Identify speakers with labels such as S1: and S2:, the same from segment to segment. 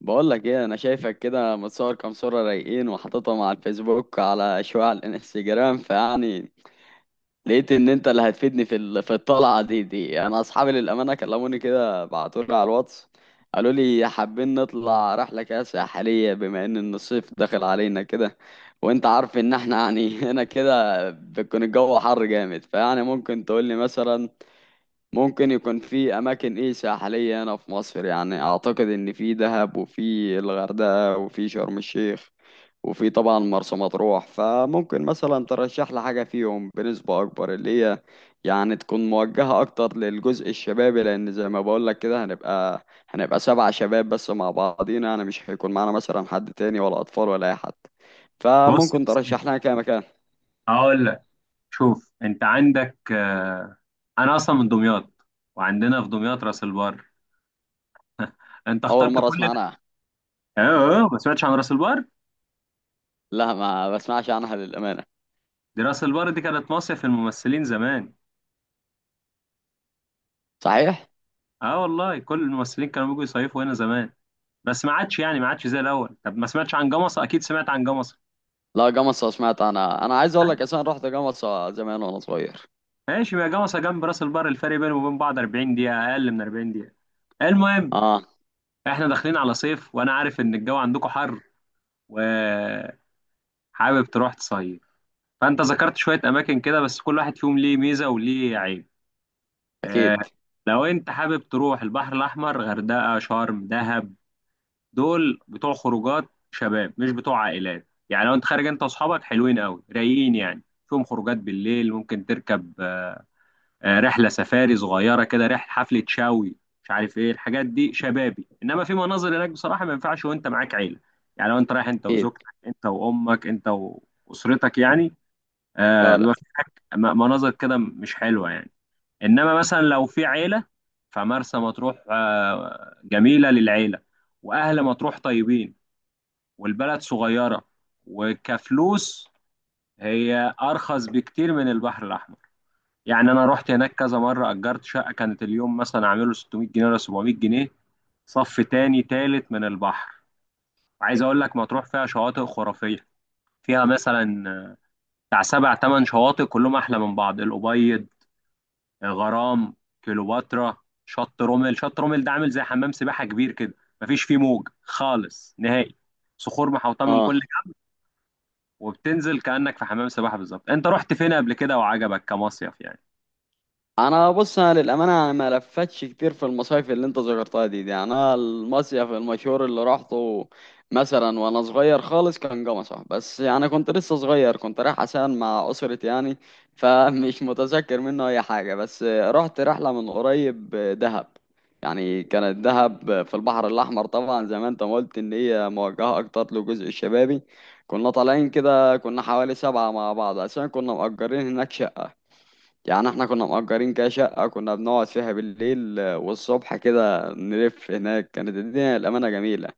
S1: بقول لك ايه؟ انا شايفك كده متصور كام صورة رايقين، وحاططهم على الفيسبوك، على شوية على الانستجرام، فيعني لقيت ان انت اللي هتفيدني في الطلعة دي. انا اصحابي للامانة كلموني كده، بعتولي على الواتس، قالوا لي حابين نطلع رحلة كده ساحلية بما ان الصيف داخل علينا كده. وانت عارف ان احنا يعني هنا كده بيكون الجو حر جامد، فيعني ممكن تقول لي مثلا ممكن يكون في اماكن ايه ساحليه هنا في مصر. يعني اعتقد ان في دهب، وفي الغردقه، وفي شرم الشيخ، وفي طبعا مرسى مطروح. فممكن مثلا ترشح لي حاجه فيهم بنسبه اكبر، اللي هي يعني تكون موجهه اكتر للجزء الشبابي، لان زي ما بقول لك كده هنبقى سبع شباب بس مع بعضينا، يعني مش هيكون معانا مثلا حد تاني ولا اطفال ولا اي حد،
S2: بص يا
S1: فممكن
S2: سيدي،
S1: ترشح لنا كده مكان.
S2: هقول لك. شوف، انت عندك انا اصلا من دمياط، وعندنا في دمياط راس البر. انت
S1: اول
S2: اخترت
S1: مره
S2: كل
S1: اسمع
S2: ده؟
S1: عنها.
S2: اه، ما سمعتش عن راس البر.
S1: لا، ما بسمعش عنها للامانه.
S2: دي راس البر دي كانت مصيف الممثلين زمان.
S1: صحيح.
S2: اه والله، كل الممثلين كانوا بيجوا يصيفوا هنا زمان. بس ما عادش، يعني ما عادش زي الاول. طب ما سمعتش عن جمصة؟ اكيد سمعت عن جمصة.
S1: لا، جمصة سمعت، انا عايز اقول لك اصلا رحت جمصة زمان وانا صغير.
S2: ماشي، ما جمصة جنب راس البر، الفرق بينهم وبين بعض 40 دقيقة، أقل من 40 دقيقة. المهم،
S1: اه.
S2: احنا داخلين على صيف وأنا عارف إن الجو عندكم حر و... حابب تروح تصيف. فانت ذكرت شويه اماكن كده، بس كل واحد فيهم ليه ميزه وليه عيب. آه
S1: اكيد.
S2: لو انت حابب تروح البحر الاحمر، غردقه، شرم، دهب، دول بتوع خروجات شباب مش بتوع عائلات. يعني لو انت خارج انت واصحابك حلوين قوي رايقين، يعني فيهم خروجات بالليل، ممكن تركب رحله سفاري صغيره كده، رحله حفله شاوي، مش عارف ايه الحاجات دي، شبابي. انما في مناظر هناك بصراحه ما ينفعش وانت معاك عيله. يعني لو انت رايح انت
S1: اكيد.
S2: وزوجتك، انت وامك، انت واسرتك يعني، بيبقى
S1: فعلا.
S2: في مناظر كده مش حلوة يعني. إنما مثلا لو في عيلة، فمرسى مطروح جميلة للعيلة، وأهل مطروح طيبين، والبلد صغيرة وكفلوس، هي أرخص بكتير من البحر الأحمر. يعني أنا رحت هناك كذا مرة، أجرت شقة كانت اليوم مثلا عامله 600 جنيه ولا 700 جنيه، صف تاني تالت من البحر. عايز أقول لك، مطروح فيها شواطئ خرافية، فيها مثلا بتاع سبع تمن شواطئ كلهم أحلى من بعض: الأبيض، غرام، كليوباترا، شط رومل. شط رومل ده عامل زي حمام سباحه كبير كده، مفيش فيه موج خالص نهائي، صخور محوطه من
S1: اه.
S2: كل جهه، وبتنزل كانك في حمام سباحه بالظبط. انت رحت فين قبل كده وعجبك كمصيف يعني؟
S1: انا، بص، انا للامانه انا ما لفتش كتير في المصايف اللي انت ذكرتها دي. انا المصيف المشهور اللي رحته مثلا وانا صغير خالص كان جمصة، بس يعني كنت لسه صغير، كنت رايح عشان مع اسرتي يعني، فمش متذكر منه اي حاجه. بس رحت رحله من قريب دهب، يعني كانت دهب في البحر الاحمر طبعا، زي ما انت ما قلت ان هي موجهه اكتر للجزء الشبابي. كنا طالعين كده، كنا حوالي سبعه مع بعض، عشان كنا مأجرين هناك شقه. يعني احنا كنا مأجرين كده شقة، كنا بنقعد فيها بالليل، والصبح كده نلف هناك. كانت الدنيا الأمانة جميلة،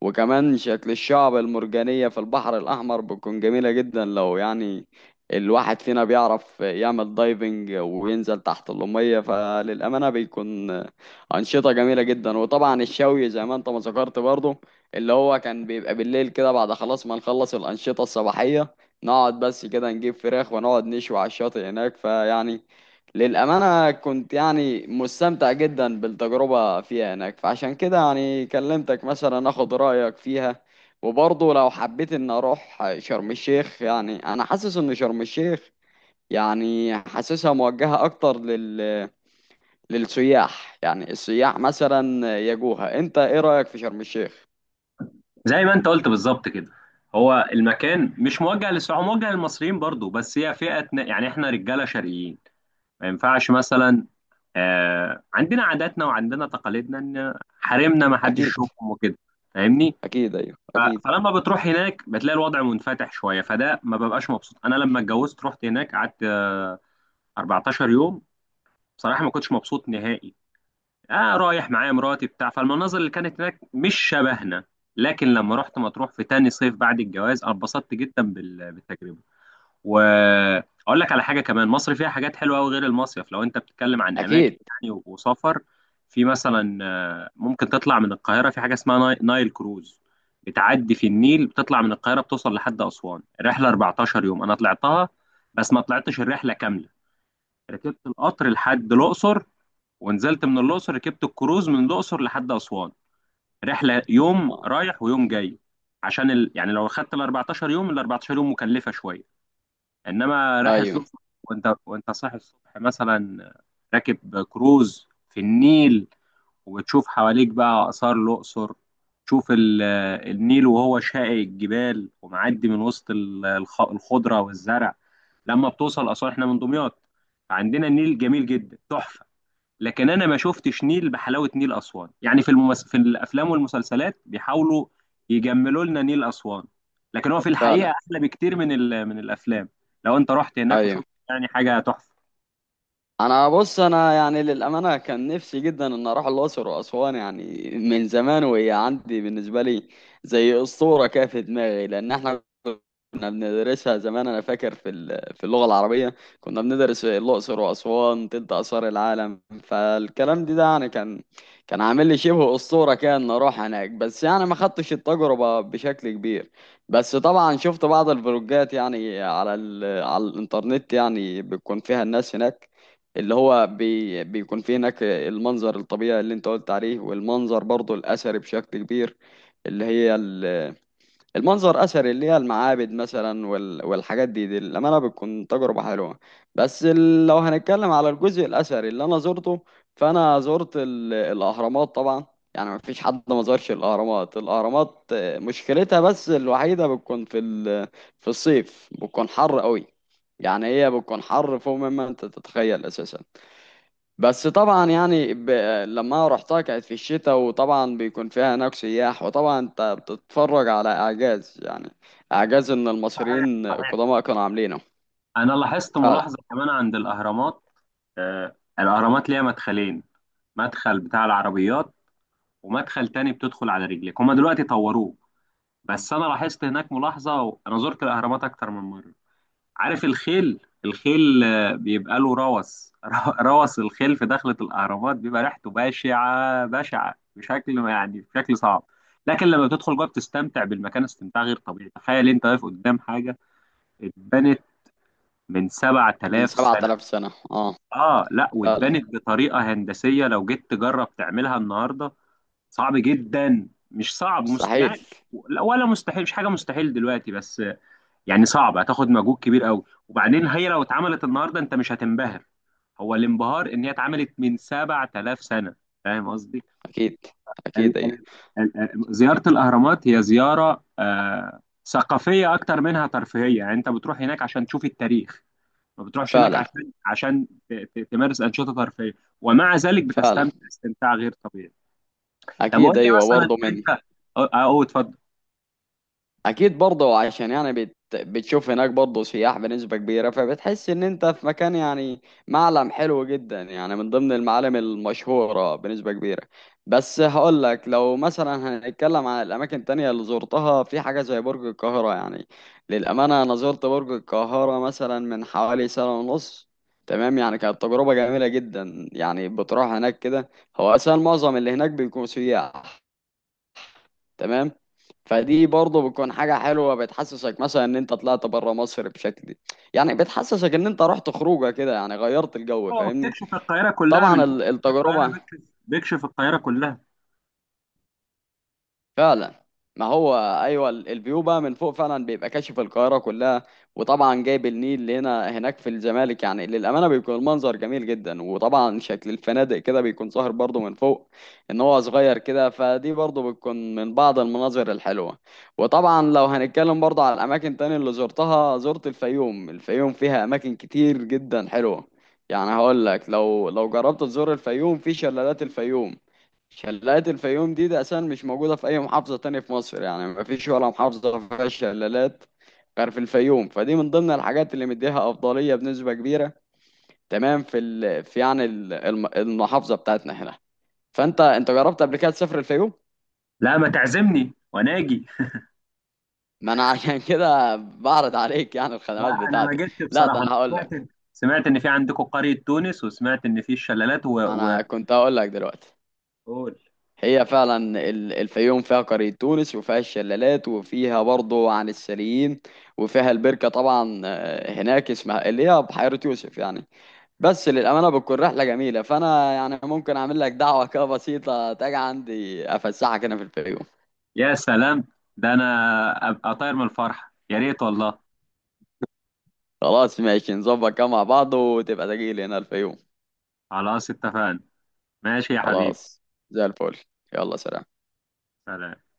S1: وكمان شكل الشعب المرجانية في البحر الأحمر بتكون جميلة جدا، لو يعني الواحد فينا بيعرف يعمل دايفنج وينزل تحت المية، فللأمانة بيكون أنشطة جميلة جدا. وطبعا الشوي، زي ما انت ما ذكرت برضه، اللي هو كان بيبقى بالليل كده بعد خلاص ما نخلص الأنشطة الصباحية، نقعد بس كده نجيب فراخ ونقعد نشوي على الشاطئ هناك. فيعني للأمانة كنت يعني مستمتع جدا بالتجربة فيها هناك، فعشان كده يعني كلمتك مثلا أخد رأيك فيها. وبرضه لو حبيت إن أروح شرم الشيخ، يعني أنا حاسس إن شرم الشيخ، يعني حاسسها موجهة أكتر للسياح، يعني السياح مثلا يجوها. أنت إيه رأيك في شرم الشيخ؟
S2: زي ما انت قلت بالظبط كده، هو المكان مش موجه للسعوديين، موجه للمصريين برضو. بس هي فئه يعني احنا رجاله شرقيين، ما ينفعش مثلا. عندنا عاداتنا وعندنا تقاليدنا ان حريمنا ما حدش
S1: أكيد.
S2: يشوفهم وكده، فاهمني؟
S1: أكيد أيوه أكيد.
S2: فلما بتروح هناك بتلاقي الوضع منفتح شويه، فده ما ببقاش مبسوط. انا لما اتجوزت رحت هناك، قعدت 14 يوم. بصراحه ما كنتش مبسوط نهائي. اه، رايح معايا مراتي بتاع، فالمناظر اللي كانت هناك مش شبهنا. لكن لما رحت مطروح في تاني صيف بعد الجواز، أنا اتبسطت جدا بالتجربه. واقول لك على حاجه كمان، مصر فيها حاجات حلوه قوي غير المصيف. لو انت بتتكلم عن اماكن
S1: أكيد.
S2: يعني وسفر، في مثلا، ممكن تطلع من القاهره في حاجه اسمها نايل كروز، بتعدي في النيل، بتطلع من القاهره بتوصل لحد اسوان، الرحله 14 يوم. انا طلعتها بس ما طلعتش الرحله كامله، ركبت القطر لحد الاقصر، ونزلت من الاقصر ركبت الكروز من الاقصر لحد اسوان، رحله يوم
S1: آه.
S2: رايح ويوم جاي. عشان يعني لو خدت ال 14 يوم، ال 14 يوم مكلفه شويه. انما رحله
S1: أيوه
S2: الاقصر، وانت صاحي الصبح مثلا راكب كروز في النيل، وبتشوف حواليك بقى اثار الاقصر، تشوف النيل وهو شاقي الجبال ومعدي من وسط الخضره والزرع. لما بتوصل اسوان، احنا من دمياط فعندنا النيل جميل جدا تحفه، لكن انا ما شفتش نيل بحلاوه نيل اسوان. يعني في الافلام والمسلسلات بيحاولوا يجملوا لنا نيل اسوان، لكن هو في الحقيقه
S1: فعلا
S2: احلى بكتير من الافلام. لو انت رحت هناك
S1: أيوه.
S2: وشفت، يعني حاجه تحفه.
S1: انا، بص، انا يعني للامانه كان نفسي جدا ان اروح الاقصر واسوان، يعني من زمان، وهي عندي بالنسبه لي زي اسطوره كده في دماغي، لان احنا كنا بندرسها زمان. انا فاكر في اللغه العربيه كنا بندرس الاقصر واسوان تلت اثار العالم، فالكلام ده يعني كان عامل لي شبه اسطوره كده ان اروح هناك، بس يعني ما خدتش التجربه بشكل كبير. بس طبعا شفت بعض الفلوجات يعني على الانترنت، يعني بتكون فيها الناس هناك، اللي هو بيكون فيه هناك المنظر الطبيعي اللي انت قلت عليه، والمنظر برضو الأثري بشكل كبير، اللي المنظر أثري، اللي هي المعابد مثلا وال- والحاجات دي، للأمانة بتكون تجربة حلوة. بس لو هنتكلم على الجزء الأثري اللي أنا زرته، فأنا زرت الأهرامات طبعا. يعني ما فيش حد ما زارش الأهرامات. الأهرامات مشكلتها بس الوحيدة بتكون في في الصيف، بتكون حر قوي. يعني هي بتكون حر فوق مما انت تتخيل اساسا. بس طبعا يعني لما رحتها كانت في الشتاء، وطبعا بيكون فيها هناك سياح، وطبعا انت بتتفرج على اعجاز، يعني اعجاز ان
S2: صحيح
S1: المصريين
S2: صحيح.
S1: القدماء كانوا عاملينه.
S2: انا لاحظت
S1: فعلا.
S2: ملاحظه كمان عند الاهرامات. الاهرامات ليها مدخلين، مدخل بتاع العربيات ومدخل تاني بتدخل على رجلك، هما دلوقتي طوروه. بس انا لاحظت هناك ملاحظه، انا زرت الاهرامات اكتر من مره. عارف الخيل؟ الخيل بيبقى له روث. روث الخيل في دخلة الأهرامات بيبقى ريحته بشعة بشعة، بشكل يعني بشكل صعب. لكن لما بتدخل جوه بتستمتع بالمكان استمتاع غير طبيعي. تخيل انت واقف قدام حاجة اتبنت من
S1: من
S2: 7000 سنة.
S1: 7000 سنة. اه.
S2: اه لا،
S1: فعلا.
S2: واتبنت بطريقة هندسية، لو جيت تجرب تعملها النهاردة صعب جدا، مش صعب
S1: مستحيل.
S2: يعني، ولا مستحيل. مش حاجة مستحيل دلوقتي، بس يعني صعب، هتاخد مجهود كبير قوي. وبعدين هي لو اتعملت النهارده انت مش هتنبهر، هو الانبهار ان هي اتعملت من 7000 سنه، فاهم قصدي؟
S1: اكيد.
S2: ال-
S1: اكيد ايوه.
S2: ال- زياره الاهرامات هي زياره ثقافيه اكتر منها ترفيهيه. يعني انت بتروح هناك عشان تشوف التاريخ، ما بتروحش هناك
S1: فعلا.
S2: عشان تمارس انشطه ترفيهيه. ومع ذلك
S1: فعلا
S2: بتستمتع استمتاع غير طبيعي. طب قول
S1: اكيد
S2: لي
S1: ايوه
S2: مثلا
S1: برضه من.
S2: انت... اه اه، اتفضل.
S1: اكيد برضه، عشان يعني بتشوف هناك برضه سياح بنسبة كبيرة، فبتحس ان انت في مكان يعني معلم حلو جدا، يعني من ضمن المعالم المشهورة بنسبة كبيرة. بس هقول لك لو مثلا هنتكلم عن الاماكن التانية اللي زرتها، في حاجة زي برج القاهرة. يعني للأمانة انا زرت برج القاهرة مثلا من حوالي سنة ونص. تمام، يعني كانت تجربة جميلة جدا، يعني بتروح هناك كده، هو أساسا معظم اللي هناك بيكونوا سياح. تمام. فدي برضه بتكون حاجة حلوة، بتحسسك مثلا ان انت طلعت بره مصر بشكل، يعني بتحسسك ان انت رحت خروجه كده، يعني غيرت الجو،
S2: اه،
S1: فاهمني.
S2: بتكشف القاهره كلها
S1: طبعا
S2: من فوق. بتكشف القاهره
S1: التجربة.
S2: بتكشف بيكشف القاهرة كلها.
S1: فعلا. ما هو ايوه الفيو بقى من فوق، فعلا بيبقى كاشف القاهره كلها. وطبعا جايب النيل اللي هنا هناك في الزمالك، يعني للامانه بيكون المنظر جميل جدا، وطبعا شكل الفنادق كده بيكون ظاهر برضه من فوق، ان هو صغير كده. فدي برضه بتكون من بعض المناظر الحلوه. وطبعا لو هنتكلم برضه على الاماكن تاني اللي زرتها، زرت الفيوم. الفيوم فيها اماكن كتير جدا حلوه. يعني هقول لك لو جربت تزور الفيوم، في شلالات الفيوم. شلالات الفيوم دي أساسا مش موجودة في أي محافظة تانية في مصر، يعني مفيش ولا محافظة فيها شلالات غير في الفيوم. فدي من ضمن الحاجات اللي مديها أفضلية بنسبة كبيرة. تمام في يعني المحافظة بتاعتنا هنا. فأنت جربت قبل كده تسافر الفيوم؟
S2: لا، ما تعزمني وانا اجي.
S1: ما أنا عشان كده بعرض عليك يعني
S2: لا،
S1: الخدمات
S2: انا ما
S1: بتاعتي.
S2: جيتش
S1: لا،
S2: بصراحه.
S1: ده
S2: انا
S1: أنا هقول
S2: سمعت،
S1: لك.
S2: سمعت ان في عندكم قريه تونس، وسمعت ان في الشلالات
S1: ما أنا كنت هقول لك دلوقتي.
S2: قول.
S1: هي فعلا الفيوم فيها قرية تونس، وفيها الشلالات، وفيها برضه عن السليين، وفيها البركة طبعا. هناك اسمها اللي هي بحيرة يوسف يعني. بس للأمانة بتكون رحلة جميلة، فأنا يعني ممكن أعمل لك دعوة كده بسيطة تاجي عندي أفسحك هنا في الفيوم.
S2: يا سلام، ده انا ابقى طاير من الفرحه، يا ريت والله.
S1: خلاص ماشي، نظبط كده مع بعض وتبقى تجيلي هنا الفيوم.
S2: خلاص اتفقنا، ماشي يا حبيبي.
S1: خلاص. زي الفل. يلا سلام.
S2: سلام.